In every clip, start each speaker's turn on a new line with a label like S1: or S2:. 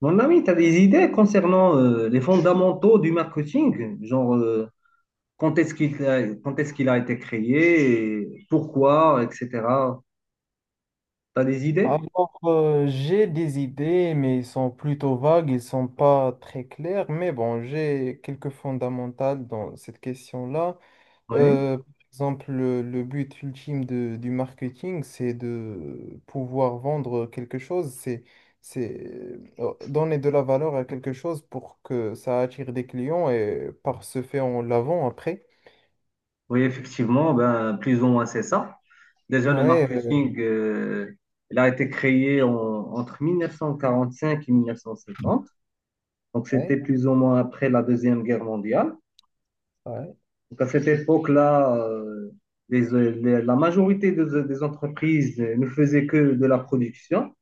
S1: Mon ami, tu as des idées concernant les fondamentaux du marketing, genre. Quand est-ce qu'il a été créé, et pourquoi, etc. Tu as des idées?
S2: J'ai des idées, mais ils sont plutôt vagues, ils sont pas très clairs, mais bon, j'ai quelques fondamentales dans cette question-là.
S1: Oui,
S2: Par exemple, le but ultime du marketing, c'est de pouvoir vendre quelque chose, c'est donner de la valeur à quelque chose pour que ça attire des clients et par ce fait, on la vend après.
S1: oui, effectivement, ben, plus ou moins c'est ça. Déjà, le
S2: Ouais, euh,
S1: marketing, il a été créé entre 1945 et 1950, donc c'était
S2: ouais,
S1: plus ou moins après la Deuxième Guerre mondiale. Donc, à cette époque-là, la majorité des, entreprises ne faisaient que de la production.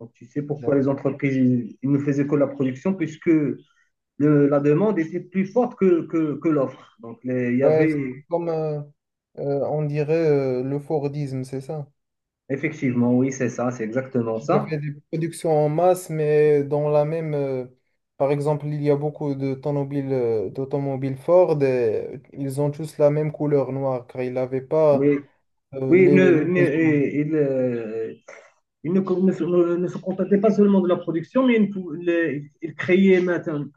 S1: Donc, tu sais pourquoi
S2: ouais.
S1: les entreprises ils ne faisaient que la production, puisque la demande était plus forte que l'offre. Donc, il y
S2: Ouais, C'était
S1: avait
S2: comme, on dirait, le Fordisme, c'est ça.
S1: effectivement, oui, c'est ça, c'est exactement
S2: Il y
S1: ça.
S2: avait des productions en masse, mais dans par exemple, il y a beaucoup de d'automobiles Ford et ils ont tous la même couleur noire, car ils n'avaient pas
S1: Oui, oui,
S2: les, les besoins.
S1: ils ne se contentaient pas seulement de la production, mais les- ils créaient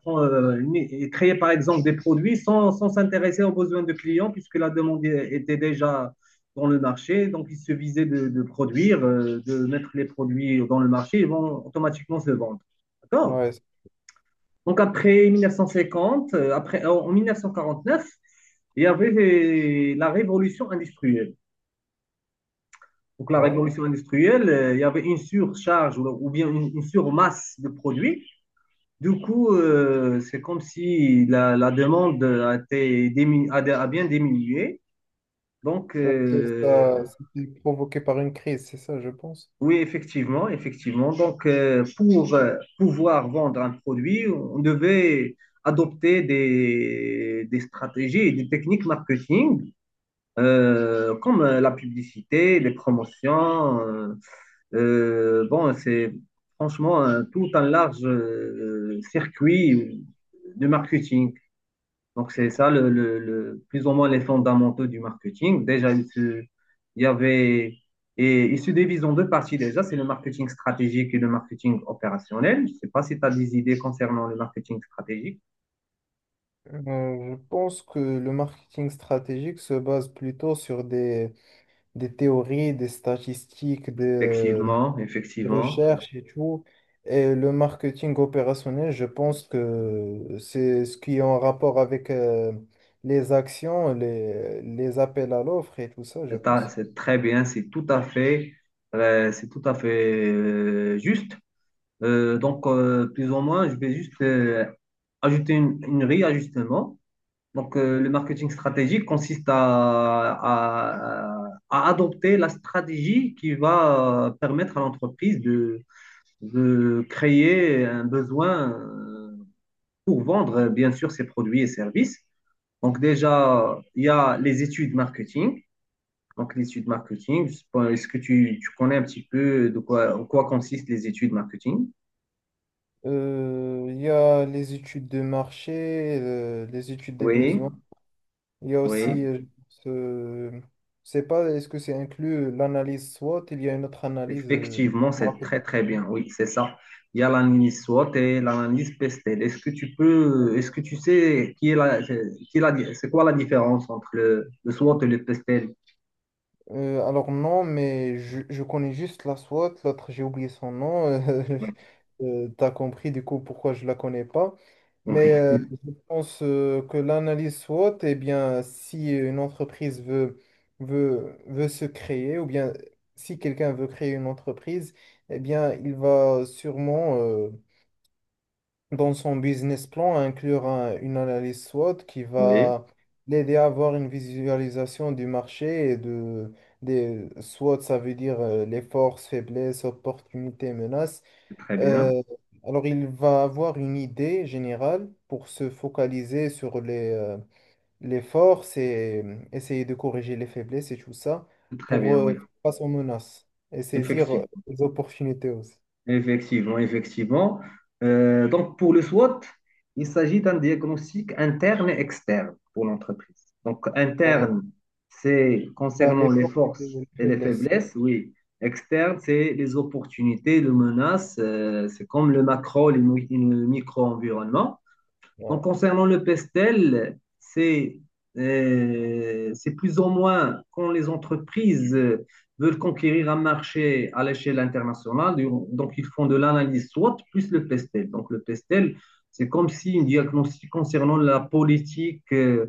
S1: ils créaient par exemple des produits sans s'intéresser aux besoins de clients, puisque la demande était déjà dans le marché. Donc, il suffisaient de produire, de mettre les produits dans le marché, ils vont automatiquement se vendre. D'accord?
S2: Ouais, c'est-
S1: Donc, après 1950, en 1949, il y avait la révolution industrielle. Donc, la
S2: ouais.
S1: révolution industrielle, il y avait une surcharge ou bien une surmasse de produits. Du coup, c'est comme si la demande a bien diminué. Donc,
S2: Ouais, c'est ça, c'était provoqué par une crise, c'est ça, je pense.
S1: oui, effectivement, effectivement. Donc, pour pouvoir vendre un produit, on devait adopter des, stratégies et des techniques marketing, comme la publicité, les promotions, bon, c'est franchement tout un large circuit de marketing. Donc, c'est ça, plus ou moins les fondamentaux du marketing. Déjà, il se- il y avait, et il se divise en deux parties déjà, c'est le marketing stratégique et le marketing opérationnel. Je ne sais pas si tu as des idées concernant le marketing stratégique.
S2: Je pense que le marketing stratégique se base plutôt sur des théories, des statistiques,
S1: Effectivement,
S2: des
S1: effectivement,
S2: recherches et tout. Et le marketing opérationnel, je pense que c'est ce qui est en rapport avec les actions, les appels à l'offre et tout ça, je pense.
S1: c'est très bien, c'est tout à fait juste. Euh,
S2: Mm,
S1: donc, euh, plus ou moins, je vais juste ajouter une réajustement. Donc,
S2: ouais.
S1: le marketing stratégique consiste à, à adopter la stratégie qui va permettre à l'entreprise de créer un besoin pour vendre, bien sûr, ses produits et services. Donc, déjà, il y a les études marketing. Donc, les études marketing, je sais pas, est-ce que tu connais un petit peu en quoi consistent les études marketing?
S2: Il y a les études de marché, les études des
S1: Oui,
S2: besoins. Il y a aussi,
S1: oui.
S2: ce... je sais pas, est-ce que c'est inclus l'analyse SWOT? Il y a une autre analyse. euh,
S1: Effectivement,
S2: je me
S1: c'est
S2: rappelle
S1: très très
S2: plus.
S1: bien. Oui, c'est ça. Il y a l'analyse SWOT et l'analyse PESTEL. Est-ce que tu sais c'est quoi la différence entre le SWOT et le PESTEL?
S2: Alors non, mais je connais juste la SWOT, l'autre j'ai oublié son nom.
S1: Oui,
S2: T'as compris du coup pourquoi je la connais pas. Mais
S1: oui,
S2: je pense que l'analyse SWOT, eh bien, si une entreprise veut se créer, ou bien si quelqu'un veut créer une entreprise, eh bien, il va sûrement dans son business plan, inclure une analyse SWOT qui
S1: oui,
S2: va l'aider à avoir une visualisation du marché et de des SWOT, ça veut dire les forces, faiblesses, opportunités, menaces.
S1: c'est très bien.
S2: Euh, alors il va avoir une idée générale pour se focaliser sur les forces et essayer de corriger les faiblesses et tout ça
S1: C'est très
S2: pour
S1: bien, oui.
S2: faire face aux menaces et saisir
S1: Effectivement.
S2: les opportunités aussi.
S1: Effectivement, effectivement. Donc, pour le SWOT, il s'agit d'un diagnostic interne et externe pour l'entreprise. Donc,
S2: Ouais.
S1: interne, c'est
S2: Ah, les
S1: concernant les
S2: forces et
S1: forces
S2: les
S1: et les
S2: faiblesses.
S1: faiblesses, oui. Externe, c'est les opportunités, les menaces, c'est comme le macro, le micro-environnement. Donc,
S2: Ouais,
S1: concernant le pestel, c'est plus ou moins quand les entreprises veulent conquérir un marché à l'échelle internationale, donc ils font de l'analyse SWOT plus le pestel. Donc, le pestel, c'est comme si une diagnostic concernant la politique euh,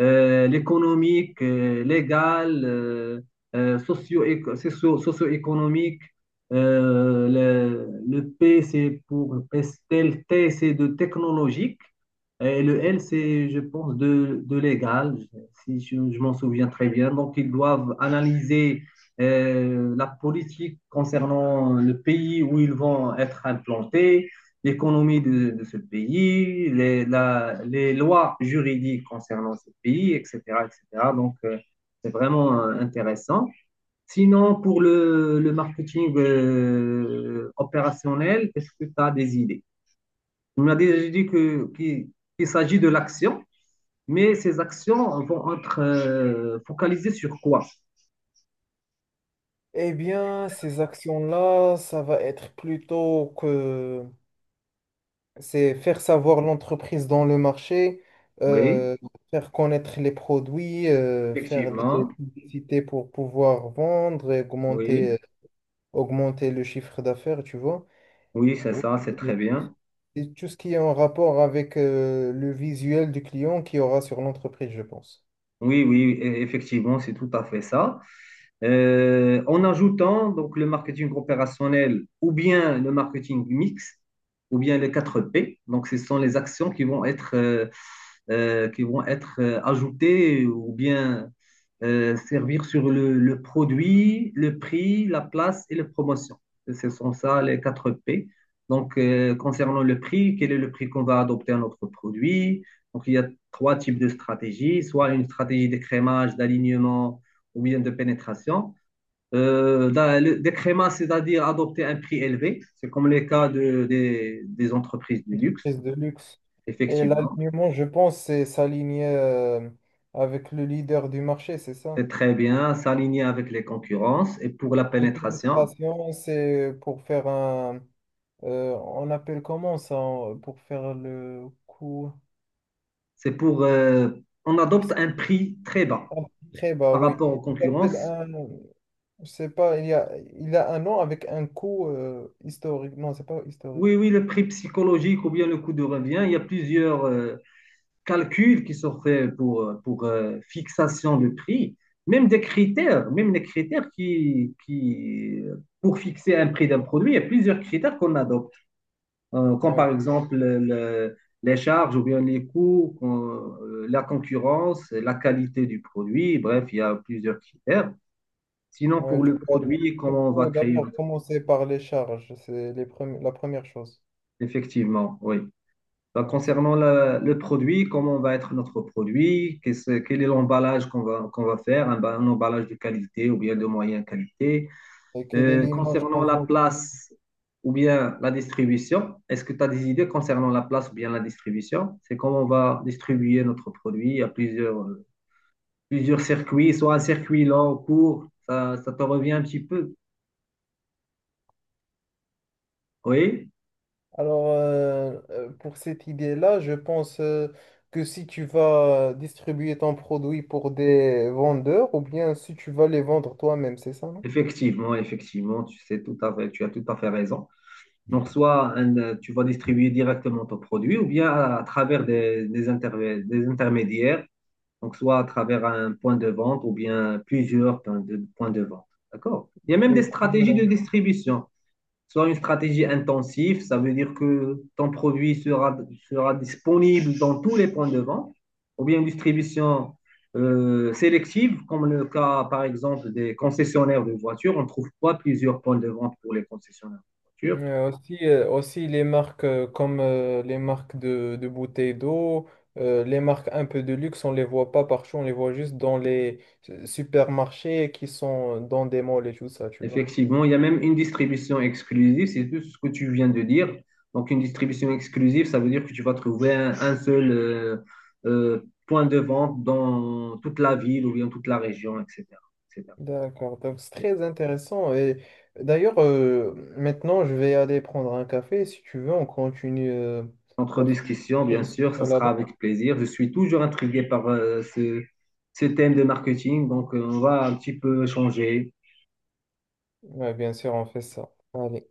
S1: euh, l'économique, légal, socio-économique. Le, P, c'est pour Pestel, T, c'est de technologique. Et le
S2: ouais.
S1: L, c'est, je pense, de légal, si je m'en souviens très bien. Donc, ils doivent analyser la politique concernant le pays où ils vont être implantés, l'économie de ce pays, les lois juridiques concernant ce pays, etc., etc. Donc, c'est vraiment intéressant. Sinon, pour le marketing opérationnel, est-ce que tu as des idées? On a déjà dit qu'il s'agit de l'action, mais ces actions vont être focalisées sur quoi?
S2: Eh bien, ces actions-là, ça va être plutôt que c'est faire savoir l'entreprise dans le marché,
S1: Oui,
S2: euh, faire connaître les produits, faire des
S1: effectivement.
S2: publicités pour pouvoir vendre et
S1: Oui,
S2: augmenter le chiffre d'affaires, tu vois.
S1: oui, c'est
S2: Euh,
S1: ça, c'est
S2: Et
S1: très bien.
S2: et tout ce qui est en rapport avec le visuel du client qu'il y aura sur l'entreprise, je pense.
S1: Oui, oui, effectivement, c'est tout à fait ça. En ajoutant donc le marketing opérationnel ou bien le marketing mix ou bien les 4 P. Donc, ce sont les actions qui vont être ajoutées ou bien servir sur le produit, le prix, la place et la promotion. Ce sont ça les 4 P. Donc, concernant le prix, quel est le prix qu'on va adopter à notre produit? Donc, il y a trois types de stratégies, soit une stratégie d'écrémage, d'alignement ou bien de pénétration. Euh, des crémas, c'est-à-dire adopter un prix élevé. C'est comme les cas des, entreprises du luxe,
S2: Entreprise de luxe. Et
S1: effectivement.
S2: l'alignement, je pense, c'est s'aligner avec le leader du marché, c'est ça?
S1: C'est très bien, s'aligner avec les concurrences. Et pour la
S2: De
S1: pénétration,
S2: pénétration, c'est pour faire un. On appelle comment ça? Pour faire le coup.
S1: c'est pour... euh, on adopte
S2: C'est
S1: un prix très bas
S2: un très bas,
S1: par
S2: oui.
S1: rapport aux
S2: Ça s'appelle
S1: concurrences.
S2: un. Je sais pas, il y a, il a un nom avec un coup historique. Non, c'est pas historique.
S1: Oui, oui, le prix psychologique ou bien le coût de revient, il y a plusieurs, calculs qui sont faits pour, fixation de prix, même des critères, même les critères qui pour fixer un prix d'un produit, il y a plusieurs critères qu'on adopte, comme
S2: Ouais,
S1: par exemple les charges ou bien les coûts, la concurrence, la qualité du produit, bref, il y a plusieurs critères. Sinon,
S2: ouais,
S1: pour le produit,
S2: tu
S1: comment on va
S2: peux
S1: créer
S2: d'abord
S1: notre.
S2: commencer par les charges. C'est la première chose.
S1: Effectivement, oui. Ben,
S2: Ouais, c'est-
S1: concernant le produit, comment va être notre produit, quel est l'emballage qu'on va, faire, un emballage de qualité ou bien de moyenne qualité.
S2: et quelle est l'image qu'on
S1: Concernant la
S2: veut.
S1: place ou bien la distribution, est-ce que tu as des idées concernant la place ou bien la distribution? C'est comment on va distribuer notre produit à plusieurs circuits, soit un circuit long, court, ça te revient un petit peu. Oui,
S2: Pour cette idée-là, je pense que si tu vas distribuer ton produit pour des vendeurs ou bien si tu vas les vendre toi-même, c'est ça, non?
S1: effectivement, effectivement, tu sais tout à fait, tu as tout à fait raison. Donc, soit tu vas distribuer directement ton produit ou bien travers des, des intermédiaires, donc soit à travers un point de vente ou bien plusieurs points de vente. D'accord? Il y a même des
S2: Et
S1: stratégies de
S2: comme,
S1: distribution. Soit une stratégie intensive, ça veut dire que ton produit sera disponible dans tous les points de vente, ou bien une distribution sélective, comme le cas par exemple des concessionnaires de voitures. On trouve pas plusieurs points de vente pour les concessionnaires de voitures.
S2: euh, aussi les marques comme les marques de bouteilles d'eau, les marques un peu de luxe, on les voit pas partout, on les voit juste dans les supermarchés qui sont dans des malls et tout ça, tu vois.
S1: Effectivement, il y a même une distribution exclusive, c'est tout ce que tu viens de dire. Donc, une distribution exclusive, ça veut dire que tu vas trouver un seul euh, point de vente dans toute la ville ou bien toute la région, etc. etc.
S2: D'accord, donc c'est très intéressant. Et d'ailleurs, maintenant, je vais aller prendre un café. Si tu veux, on continue
S1: Entre
S2: notre
S1: discussion, bien sûr, ça
S2: discussion
S1: sera
S2: là-bas.
S1: avec plaisir. Je suis toujours intrigué par ce thème de marketing, donc on va un petit peu changer.
S2: Ouais, bien sûr, on fait ça. Allez.